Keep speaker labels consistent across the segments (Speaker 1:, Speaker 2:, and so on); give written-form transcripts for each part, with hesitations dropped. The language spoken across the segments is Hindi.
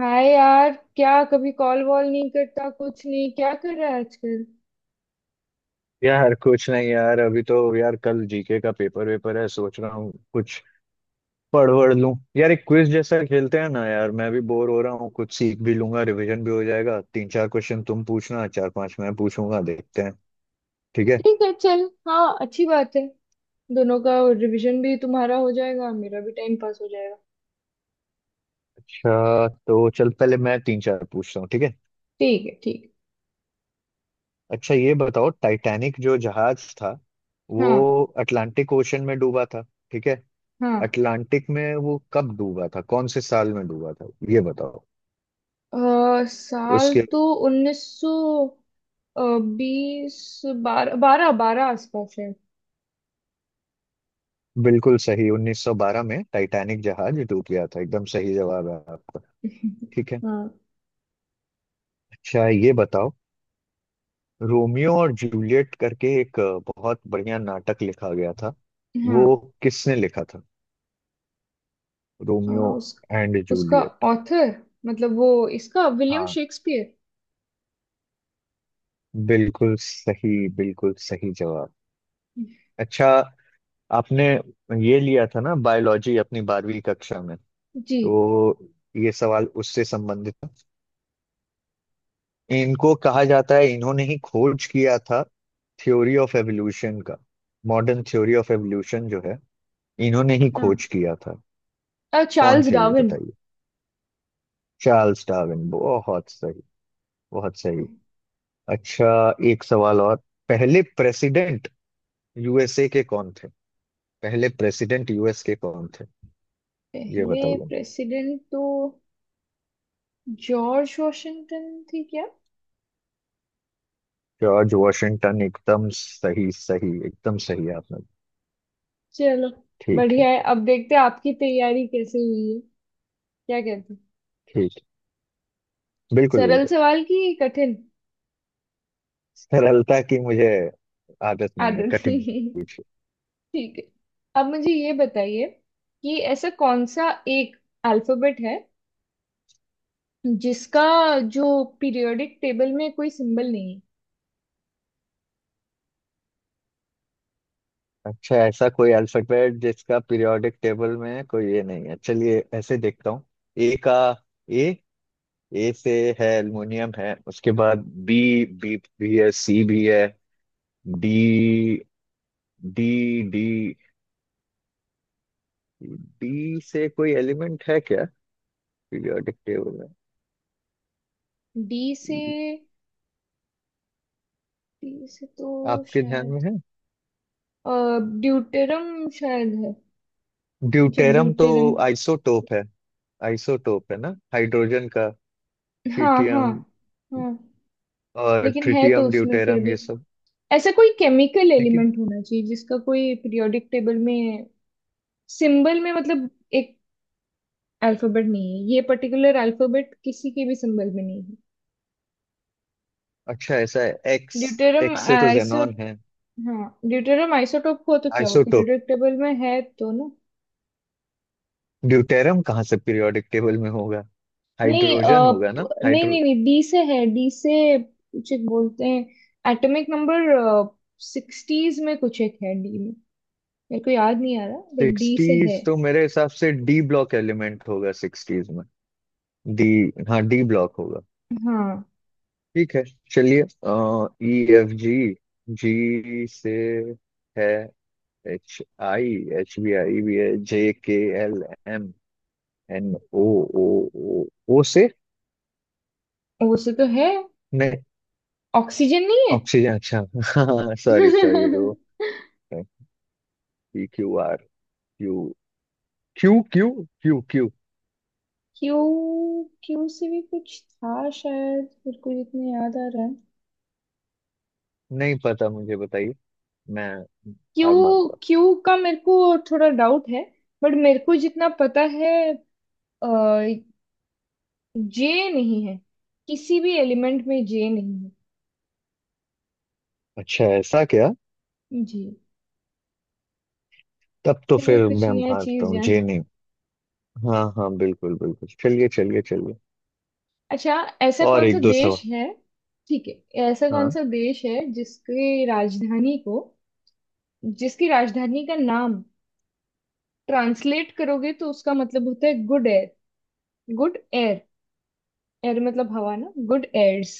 Speaker 1: हाय यार। क्या कभी कॉल वॉल नहीं करता कुछ नहीं? क्या कर रहा है आजकल?
Speaker 2: यार कुछ नहीं यार अभी तो यार कल जीके का पेपर वेपर है सोच रहा हूँ कुछ पढ़ वढ़ लूं यार। एक क्विज जैसा खेलते हैं ना यार, मैं भी बोर हो रहा हूँ, कुछ सीख भी लूंगा, रिवीजन भी हो जाएगा। तीन चार क्वेश्चन तुम पूछना, चार पांच मैं पूछूंगा, देखते हैं। ठीक है।
Speaker 1: ठीक है, चल, हाँ, अच्छी बात है। दोनों का रिवीजन भी तुम्हारा हो जाएगा, मेरा भी टाइम पास हो जाएगा।
Speaker 2: अच्छा तो चल, पहले मैं तीन चार पूछता हूँ, ठीक है।
Speaker 1: ठीक है, ठीक
Speaker 2: अच्छा ये बताओ, टाइटैनिक जो जहाज था,
Speaker 1: है।
Speaker 2: वो
Speaker 1: हाँ,
Speaker 2: अटलांटिक ओशन में डूबा था। ठीक है।
Speaker 1: हाँ।
Speaker 2: अटलांटिक में वो कब डूबा था, कौन से साल में डूबा था, ये बताओ
Speaker 1: साल
Speaker 2: उसके।
Speaker 1: तो 1900 20, 12 बारह बारह आसपास है।
Speaker 2: बिल्कुल सही, 1912 में टाइटैनिक जहाज डूब गया था, एकदम सही जवाब है आपका। ठीक है।
Speaker 1: हाँ।
Speaker 2: अच्छा ये बताओ, रोमियो और जूलियट करके एक बहुत बढ़िया नाटक लिखा गया था वो,
Speaker 1: हाँ।
Speaker 2: किसने लिखा था?
Speaker 1: अ,
Speaker 2: रोमियो
Speaker 1: उस
Speaker 2: एंड
Speaker 1: उसका
Speaker 2: जूलियट।
Speaker 1: ऑथर, मतलब वो, इसका विलियम
Speaker 2: हाँ,
Speaker 1: शेक्सपियर।
Speaker 2: बिल्कुल सही, बिल्कुल सही जवाब। अच्छा, आपने ये लिया था ना बायोलॉजी अपनी बारहवीं कक्षा में,
Speaker 1: जी
Speaker 2: तो ये सवाल उससे संबंधित है। इनको कहा जाता है, इन्होंने ही खोज किया था थ्योरी ऑफ एवोल्यूशन का। मॉडर्न थ्योरी ऑफ एवोल्यूशन जो है, इन्होंने ही
Speaker 1: हाँ।
Speaker 2: खोज किया था। कौन
Speaker 1: चार्ल्स
Speaker 2: थे ये
Speaker 1: डार्विन।
Speaker 2: बताइए। चार्ल्स डार्विन, बहुत सही, बहुत सही। अच्छा, एक सवाल और। पहले प्रेसिडेंट यूएसए के कौन थे? पहले प्रेसिडेंट यूएस के कौन थे, ये
Speaker 1: पहले
Speaker 2: बताइए मुझे।
Speaker 1: प्रेसिडेंट तो जॉर्ज वॉशिंगटन थी क्या?
Speaker 2: जॉर्ज वॉशिंगटन, एकदम सही सही, एकदम सही आपने।
Speaker 1: चलो,
Speaker 2: ठीक है।
Speaker 1: बढ़िया है, अब देखते हैं आपकी तैयारी कैसे हुई है। क्या कहते हैं?
Speaker 2: ठीक। बिल्कुल
Speaker 1: सरल
Speaker 2: बिल्कुल।
Speaker 1: सवाल की कठिन?
Speaker 2: सरलता की मुझे आदत नहीं है,
Speaker 1: आदत
Speaker 2: कठिन
Speaker 1: ठीक
Speaker 2: पूछिए।
Speaker 1: है, अब मुझे ये बताइए कि ऐसा कौन सा एक अल्फाबेट है जिसका, जो पीरियोडिक टेबल में कोई सिंबल नहीं है।
Speaker 2: अच्छा, ऐसा कोई अल्फाबेट जिसका पीरियोडिक टेबल में कोई ये नहीं है, चलिए ऐसे देखता हूँ। ए का, ए, ए से है, एल्युमिनियम है। उसके बाद बी, बी भी है, सी भी है। डी, डी, डी डी से कोई एलिमेंट है क्या पीरियोडिक टेबल
Speaker 1: डी से
Speaker 2: में,
Speaker 1: डी से तो
Speaker 2: आपके ध्यान में
Speaker 1: शायद
Speaker 2: है?
Speaker 1: ड्यूटेरम शायद है, कुछ
Speaker 2: ड्यूटेरम तो
Speaker 1: ड्यूटेरम।
Speaker 2: आइसोटोप है, आइसोटोप है ना हाइड्रोजन का।
Speaker 1: हाँ, हाँ।
Speaker 2: ट्रिटियम,
Speaker 1: हाँ,
Speaker 2: और
Speaker 1: लेकिन है तो
Speaker 2: ट्रिटियम
Speaker 1: उसमें फिर
Speaker 2: ड्यूटेरम
Speaker 1: भी,
Speaker 2: ये सब।
Speaker 1: ऐसा कोई केमिकल
Speaker 2: लेकिन
Speaker 1: एलिमेंट होना चाहिए जिसका कोई पीरियोडिक टेबल में सिंबल में, मतलब एक अल्फाबेट नहीं है, ये पर्टिकुलर अल्फाबेट किसी के भी सिंबल में नहीं है।
Speaker 2: अच्छा, ऐसा है एक्स,
Speaker 1: ड्यूटेरियम
Speaker 2: एक्स से तो
Speaker 1: आइसो,
Speaker 2: जेनॉन है।
Speaker 1: हाँ, ड्यूटेरियम आइसोटोप हो तो क्या हो,
Speaker 2: आइसोटोप
Speaker 1: पीरियोडिक टेबल में है तो ना।
Speaker 2: ड्यूटेरम कहाँ से पीरियोडिक टेबल में होगा,
Speaker 1: नहीं,
Speaker 2: हाइड्रोजन होगा ना,
Speaker 1: नहीं
Speaker 2: हाइड्रो।
Speaker 1: नहीं नहीं, डी से है, डी से कुछ एक बोलते हैं, एटॉमिक नंबर सिक्सटीज में कुछ एक है डी में, मेरे को याद नहीं आ रहा, बट डी से है।
Speaker 2: सिक्सटीज तो मेरे हिसाब से डी ब्लॉक एलिमेंट होगा सिक्सटीज में। डी, हाँ, डी ब्लॉक होगा।
Speaker 1: हाँ।
Speaker 2: ठीक है, चलिए। ई, एफ, जी, जी से है। H, I, H B I भी है। J, K, L, M, N, O, O, O, O से
Speaker 1: ओ से तो है ऑक्सीजन नहीं है?
Speaker 2: ऑक्सीजन। अच्छा सॉरी सॉरी वो। P, Q, R. Q Q, Q, Q,
Speaker 1: Q Q से भी कुछ था शायद, मेरे को जितना याद आ रहा है।
Speaker 2: नहीं पता, मुझे बताइए, मैं
Speaker 1: क्यू
Speaker 2: हार मानता हूँ।
Speaker 1: क्यू का मेरे को थोड़ा डाउट है, बट मेरे को जितना पता है, जे नहीं है, किसी भी एलिमेंट में जे नहीं है।
Speaker 2: अच्छा, ऐसा क्या?
Speaker 1: जी,
Speaker 2: तब तो
Speaker 1: चलिए
Speaker 2: फिर
Speaker 1: कुछ
Speaker 2: मैं
Speaker 1: नया
Speaker 2: हारता
Speaker 1: चीज
Speaker 2: हूँ, जी
Speaker 1: जाने।
Speaker 2: नहीं। हाँ हाँ, बिल्कुल बिल्कुल, चलिए चलिए चलिए।
Speaker 1: अच्छा, ऐसा
Speaker 2: और
Speaker 1: कौन सा
Speaker 2: एक दो सवाल।
Speaker 1: देश है, ठीक है, ऐसा कौन
Speaker 2: हाँ,
Speaker 1: सा देश है जिसकी राजधानी को, जिसकी राजधानी का नाम ट्रांसलेट करोगे तो उसका मतलब होता है good air, good air, air मतलब हवा ना, गुड एयर्स।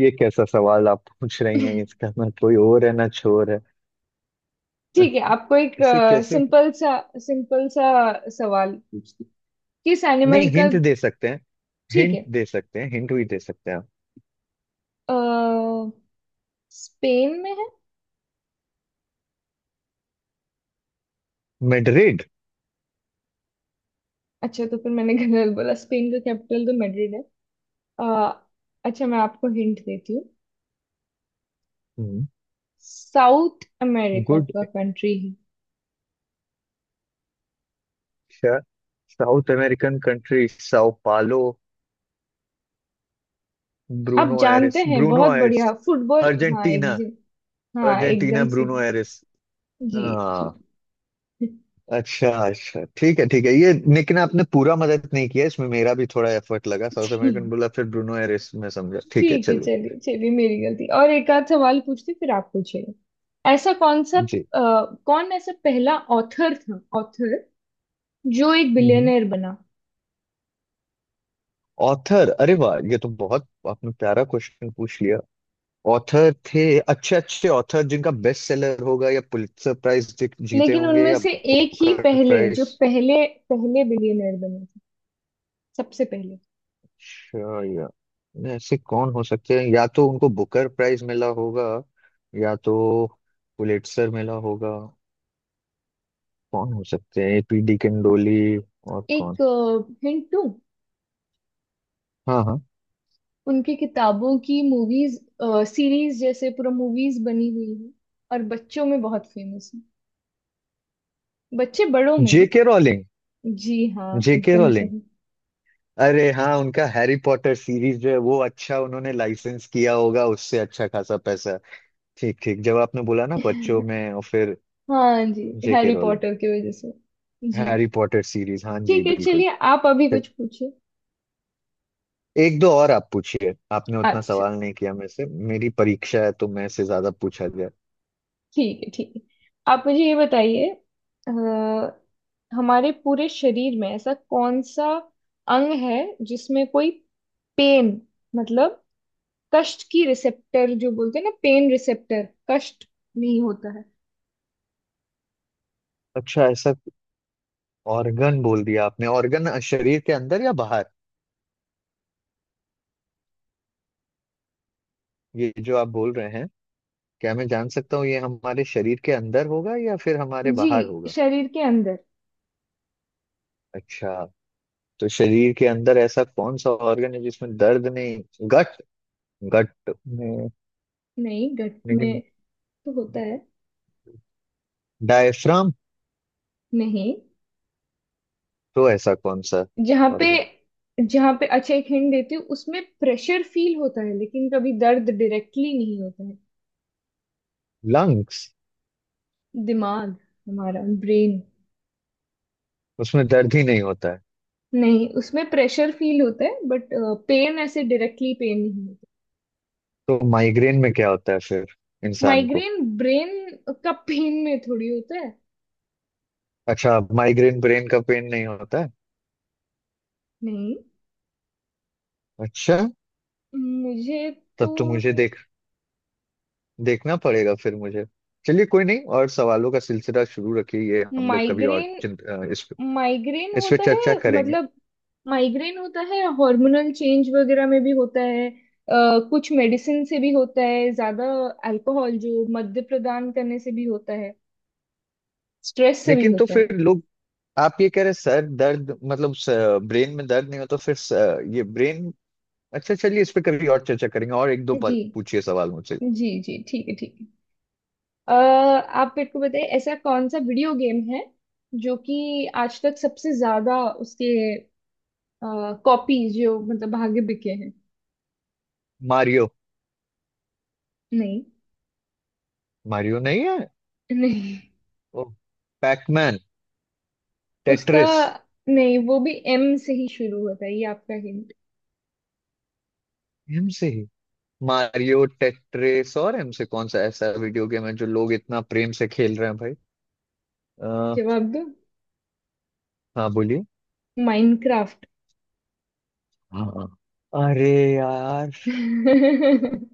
Speaker 2: ये कैसा सवाल आप पूछ रही हैं, इसका ना कोई और है ना छोर है।
Speaker 1: ठीक है, आपको एक
Speaker 2: इसे कैसे,
Speaker 1: सिंपल सा, सिंपल सा सवाल पूछती हूँ। किस
Speaker 2: नहीं
Speaker 1: एनिमल का,
Speaker 2: हिंट दे सकते हैं?
Speaker 1: ठीक
Speaker 2: हिंट
Speaker 1: है।
Speaker 2: दे सकते हैं, हिंट भी दे सकते हैं आप।
Speaker 1: अ, स्पेन में है?
Speaker 2: मेड्रिड।
Speaker 1: अच्छा तो फिर मैंने गलत बोला, स्पेन का कैपिटल तो मैड्रिड है। अ, अच्छा, मैं आपको हिंट देती हूँ, साउथ अमेरिका
Speaker 2: गुड।
Speaker 1: का कंट्री है।
Speaker 2: शा- South American country sao Paulo,
Speaker 1: आप
Speaker 2: ब्रूनो
Speaker 1: जानते
Speaker 2: एरिस,
Speaker 1: हैं,
Speaker 2: ब्रूनो
Speaker 1: बहुत
Speaker 2: एरिस।
Speaker 1: बढ़िया फुटबॉल, हाँ
Speaker 2: अर्जेंटीना।
Speaker 1: एकदम। हाँ,
Speaker 2: अर्जेंटीना
Speaker 1: एकदम
Speaker 2: ब्रूनो
Speaker 1: सही।
Speaker 2: एरिस।
Speaker 1: जी। जी,
Speaker 2: हाँ। अच्छा अच्छा, ठीक है ठीक है, ये लेकिन आपने पूरा मदद नहीं किया इसमें, मेरा भी थोड़ा एफर्ट लगा, साउथ
Speaker 1: ठीक,
Speaker 2: अमेरिकन बोला फिर ब्रूनो एरिस में समझा। ठीक है,
Speaker 1: ठीक है,
Speaker 2: चलिए।
Speaker 1: चलिए चलिए, मेरी गलती, और एक आध सवाल पूछती फिर आप पूछिए। ऐसा कौन सा
Speaker 2: जी।
Speaker 1: कौन ऐसा पहला ऑथर था, ऑथर जो एक बिलियनर बना,
Speaker 2: ऑथर, अरे वाह, ये तो बहुत आपने प्यारा क्वेश्चन पूछ लिया। ऑथर थे अच्छे अच्छे ऑथर जिनका बेस्ट सेलर होगा, या पुलित्जर प्राइज जीते
Speaker 1: लेकिन
Speaker 2: होंगे,
Speaker 1: उनमें
Speaker 2: या
Speaker 1: से एक ही
Speaker 2: बुकर
Speaker 1: पहले, जो
Speaker 2: प्राइज।
Speaker 1: पहले, पहले बिलियनर बने थे, सबसे पहले।
Speaker 2: अच्छा, या ऐसे कौन हो सकते हैं, या तो उनको बुकर प्राइज मिला होगा, या तो पुलिट्जर मिला होगा। कौन हो सकते हैं, एपीडी किंडोली, और
Speaker 1: एक
Speaker 2: कौन?
Speaker 1: हिंट दूं,
Speaker 2: हाँ हाँ।
Speaker 1: उनकी किताबों की मूवीज सीरीज जैसे पूरा मूवीज बनी हुई है, और बच्चों में बहुत फेमस है, बच्चे बड़ों में भी।
Speaker 2: जेके रोलिंग,
Speaker 1: जी हाँ,
Speaker 2: जेके
Speaker 1: एकदम
Speaker 2: रोलिंग।
Speaker 1: सही।
Speaker 2: अरे हाँ, उनका हैरी पॉटर सीरीज जो है वो, अच्छा, उन्होंने लाइसेंस किया होगा उससे अच्छा खासा पैसा। ठीक ठीक, जब आपने बोला ना बच्चों में, और फिर
Speaker 1: हाँ जी,
Speaker 2: जेके
Speaker 1: हैरी
Speaker 2: रोलिंग।
Speaker 1: पॉटर की वजह से। जी,
Speaker 2: हैरी पॉटर सीरीज, हाँ जी
Speaker 1: ठीक है,
Speaker 2: बिल्कुल।
Speaker 1: चलिए आप अभी कुछ पूछिए।
Speaker 2: एक दो और आप पूछिए, आपने उतना
Speaker 1: अच्छा,
Speaker 2: सवाल नहीं किया मेरे से, मेरी परीक्षा है तो मैं से ज्यादा पूछा जाए।
Speaker 1: ठीक है, ठीक है, आप मुझे ये बताइए, अ, हमारे पूरे शरीर में ऐसा कौन सा अंग है जिसमें कोई पेन, मतलब कष्ट की रिसेप्टर, जो बोलते हैं ना, पेन रिसेप्टर, कष्ट नहीं होता है।
Speaker 2: अच्छा, ऐसा ऑर्गन बोल दिया आपने, ऑर्गन शरीर के अंदर या बाहर, ये जो आप बोल रहे हैं? क्या मैं जान सकता हूँ ये हमारे शरीर के अंदर होगा या फिर हमारे
Speaker 1: जी,
Speaker 2: बाहर होगा?
Speaker 1: शरीर के अंदर।
Speaker 2: अच्छा, तो शरीर के अंदर ऐसा कौन सा ऑर्गन है जिसमें दर्द नहीं? गट, गट में?
Speaker 1: नहीं, गट में
Speaker 2: लेकिन
Speaker 1: तो होता है।
Speaker 2: डायफ्राम?
Speaker 1: नहीं,
Speaker 2: तो ऐसा कौन सा
Speaker 1: जहाँ पे,
Speaker 2: ऑर्गन?
Speaker 1: जहाँ पे, अच्छा एक हिंट देती हूँ, उसमें प्रेशर फील होता है लेकिन कभी दर्द डायरेक्टली नहीं होता है।
Speaker 2: लंग्स?
Speaker 1: दिमाग, हमारा ब्रेन।
Speaker 2: उसमें दर्द ही नहीं होता है?
Speaker 1: नहीं, उसमें प्रेशर फील होता है, बट पेन, ऐसे डायरेक्टली पेन नहीं होता।
Speaker 2: तो माइग्रेन में क्या होता है फिर इंसान को?
Speaker 1: माइग्रेन ब्रेन का पेन में थोड़ी होता है।
Speaker 2: अच्छा, माइग्रेन ब्रेन का पेन नहीं होता है?
Speaker 1: नहीं।
Speaker 2: अच्छा,
Speaker 1: मुझे, तो
Speaker 2: तब तो मुझे देख, देखना पड़ेगा फिर मुझे। चलिए कोई नहीं, और सवालों का सिलसिला शुरू रखिए, ये हम लोग कभी और
Speaker 1: माइग्रेन,
Speaker 2: इस पे,
Speaker 1: माइग्रेन
Speaker 2: इस पे
Speaker 1: होता
Speaker 2: चर्चा
Speaker 1: है,
Speaker 2: करेंगे।
Speaker 1: मतलब माइग्रेन होता है हार्मोनल चेंज वगैरह में भी होता है, कुछ मेडिसिन से भी होता है, ज्यादा अल्कोहल जो मद्य प्रदान करने से भी होता है, स्ट्रेस से भी
Speaker 2: लेकिन तो
Speaker 1: होता
Speaker 2: फिर
Speaker 1: है।
Speaker 2: लोग, आप ये कह रहे सर दर्द मतलब ब्रेन में दर्द नहीं हो तो फिर स, ये ब्रेन। अच्छा चलिए, इस पे कभी और चर्चा करेंगे, और एक दो
Speaker 1: जी,
Speaker 2: पूछिए सवाल मुझसे।
Speaker 1: जी जी, ठीक है, ठीक है, अ, आप मेरे को बताइए ऐसा कौन सा वीडियो गेम है जो कि आज तक सबसे ज्यादा उसके कॉपीज, जो मतलब, भागे बिके हैं।
Speaker 2: मारियो।
Speaker 1: नहीं।
Speaker 2: मारियो नहीं है?
Speaker 1: नहीं,
Speaker 2: ओ, पैकमैन,
Speaker 1: उसका,
Speaker 2: टेट्रिस।
Speaker 1: नहीं, वो भी एम से ही शुरू होता है, ये आपका हिंट।
Speaker 2: एम से मारियो टेट्रिस, और इनसे कौन सा ऐसा वीडियो गेम है जो लोग इतना प्रेम से खेल रहे हैं भाई? आ,
Speaker 1: जवाब दो।
Speaker 2: हाँ बोलिए।
Speaker 1: माइनक्राफ्ट।
Speaker 2: हाँ, अरे यार,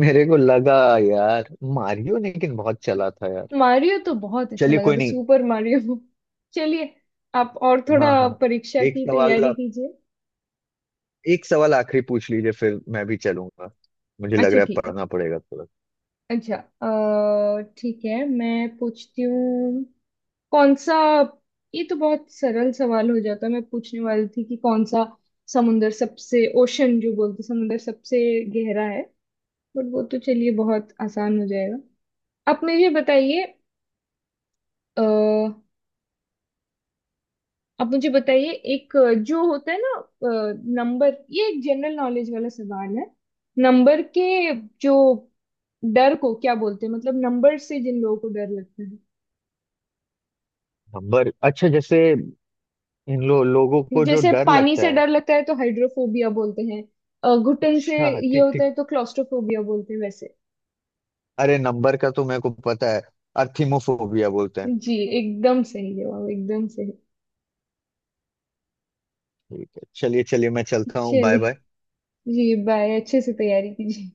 Speaker 2: मेरे को लगा यार मारियो, लेकिन बहुत चला था यार।
Speaker 1: मारियो तो बहुत अच्छा
Speaker 2: चलिए
Speaker 1: लगा
Speaker 2: कोई
Speaker 1: था,
Speaker 2: नहीं।
Speaker 1: Super Mario. चलिए, आप और
Speaker 2: हाँ
Speaker 1: थोड़ा
Speaker 2: हाँ।
Speaker 1: परीक्षा
Speaker 2: एक
Speaker 1: की
Speaker 2: सवाल
Speaker 1: तैयारी
Speaker 2: आप-
Speaker 1: कीजिए।
Speaker 2: एक सवाल आखिरी पूछ लीजिए फिर मैं भी चलूंगा, मुझे लग
Speaker 1: अच्छा,
Speaker 2: रहा है
Speaker 1: ठीक है।
Speaker 2: पढ़ना पड़ेगा थोड़ा।
Speaker 1: अच्छा, ठीक है, मैं पूछती हूँ, कौन सा, ये तो बहुत सरल सवाल हो जाता है। मैं पूछने वाली थी कि कौन सा समुंदर सबसे, ओशन जो बोलते हैं, समुंदर सबसे गहरा है, बट वो तो चलिए बहुत आसान हो जाएगा। आप मुझे बताइए, अ, आप मुझे बताइए एक जो होता है ना नंबर, ये एक जनरल नॉलेज वाला सवाल है, नंबर के जो डर को क्या बोलते हैं, मतलब नंबर से जिन लोगों को डर लगता है,
Speaker 2: नंबर, अच्छा जैसे लोगों को जो
Speaker 1: जैसे
Speaker 2: डर
Speaker 1: पानी
Speaker 2: लगता
Speaker 1: से
Speaker 2: है?
Speaker 1: डर लगता है तो हाइड्रोफोबिया बोलते हैं, घुटन से
Speaker 2: अच्छा
Speaker 1: ये
Speaker 2: ठीक
Speaker 1: होता
Speaker 2: ठीक।
Speaker 1: है तो क्लॉस्ट्रोफोबिया बोलते हैं, वैसे।
Speaker 2: अरे नंबर का तो मेरे को पता है, अर्थिमोफोबिया बोलते हैं।
Speaker 1: जी, एकदम सही जवाब, एकदम सही।
Speaker 2: ठीक है, चलिए चलिए, मैं चलता हूँ, बाय बाय।
Speaker 1: चलिए, जी बाय, अच्छे से तैयारी कीजिए।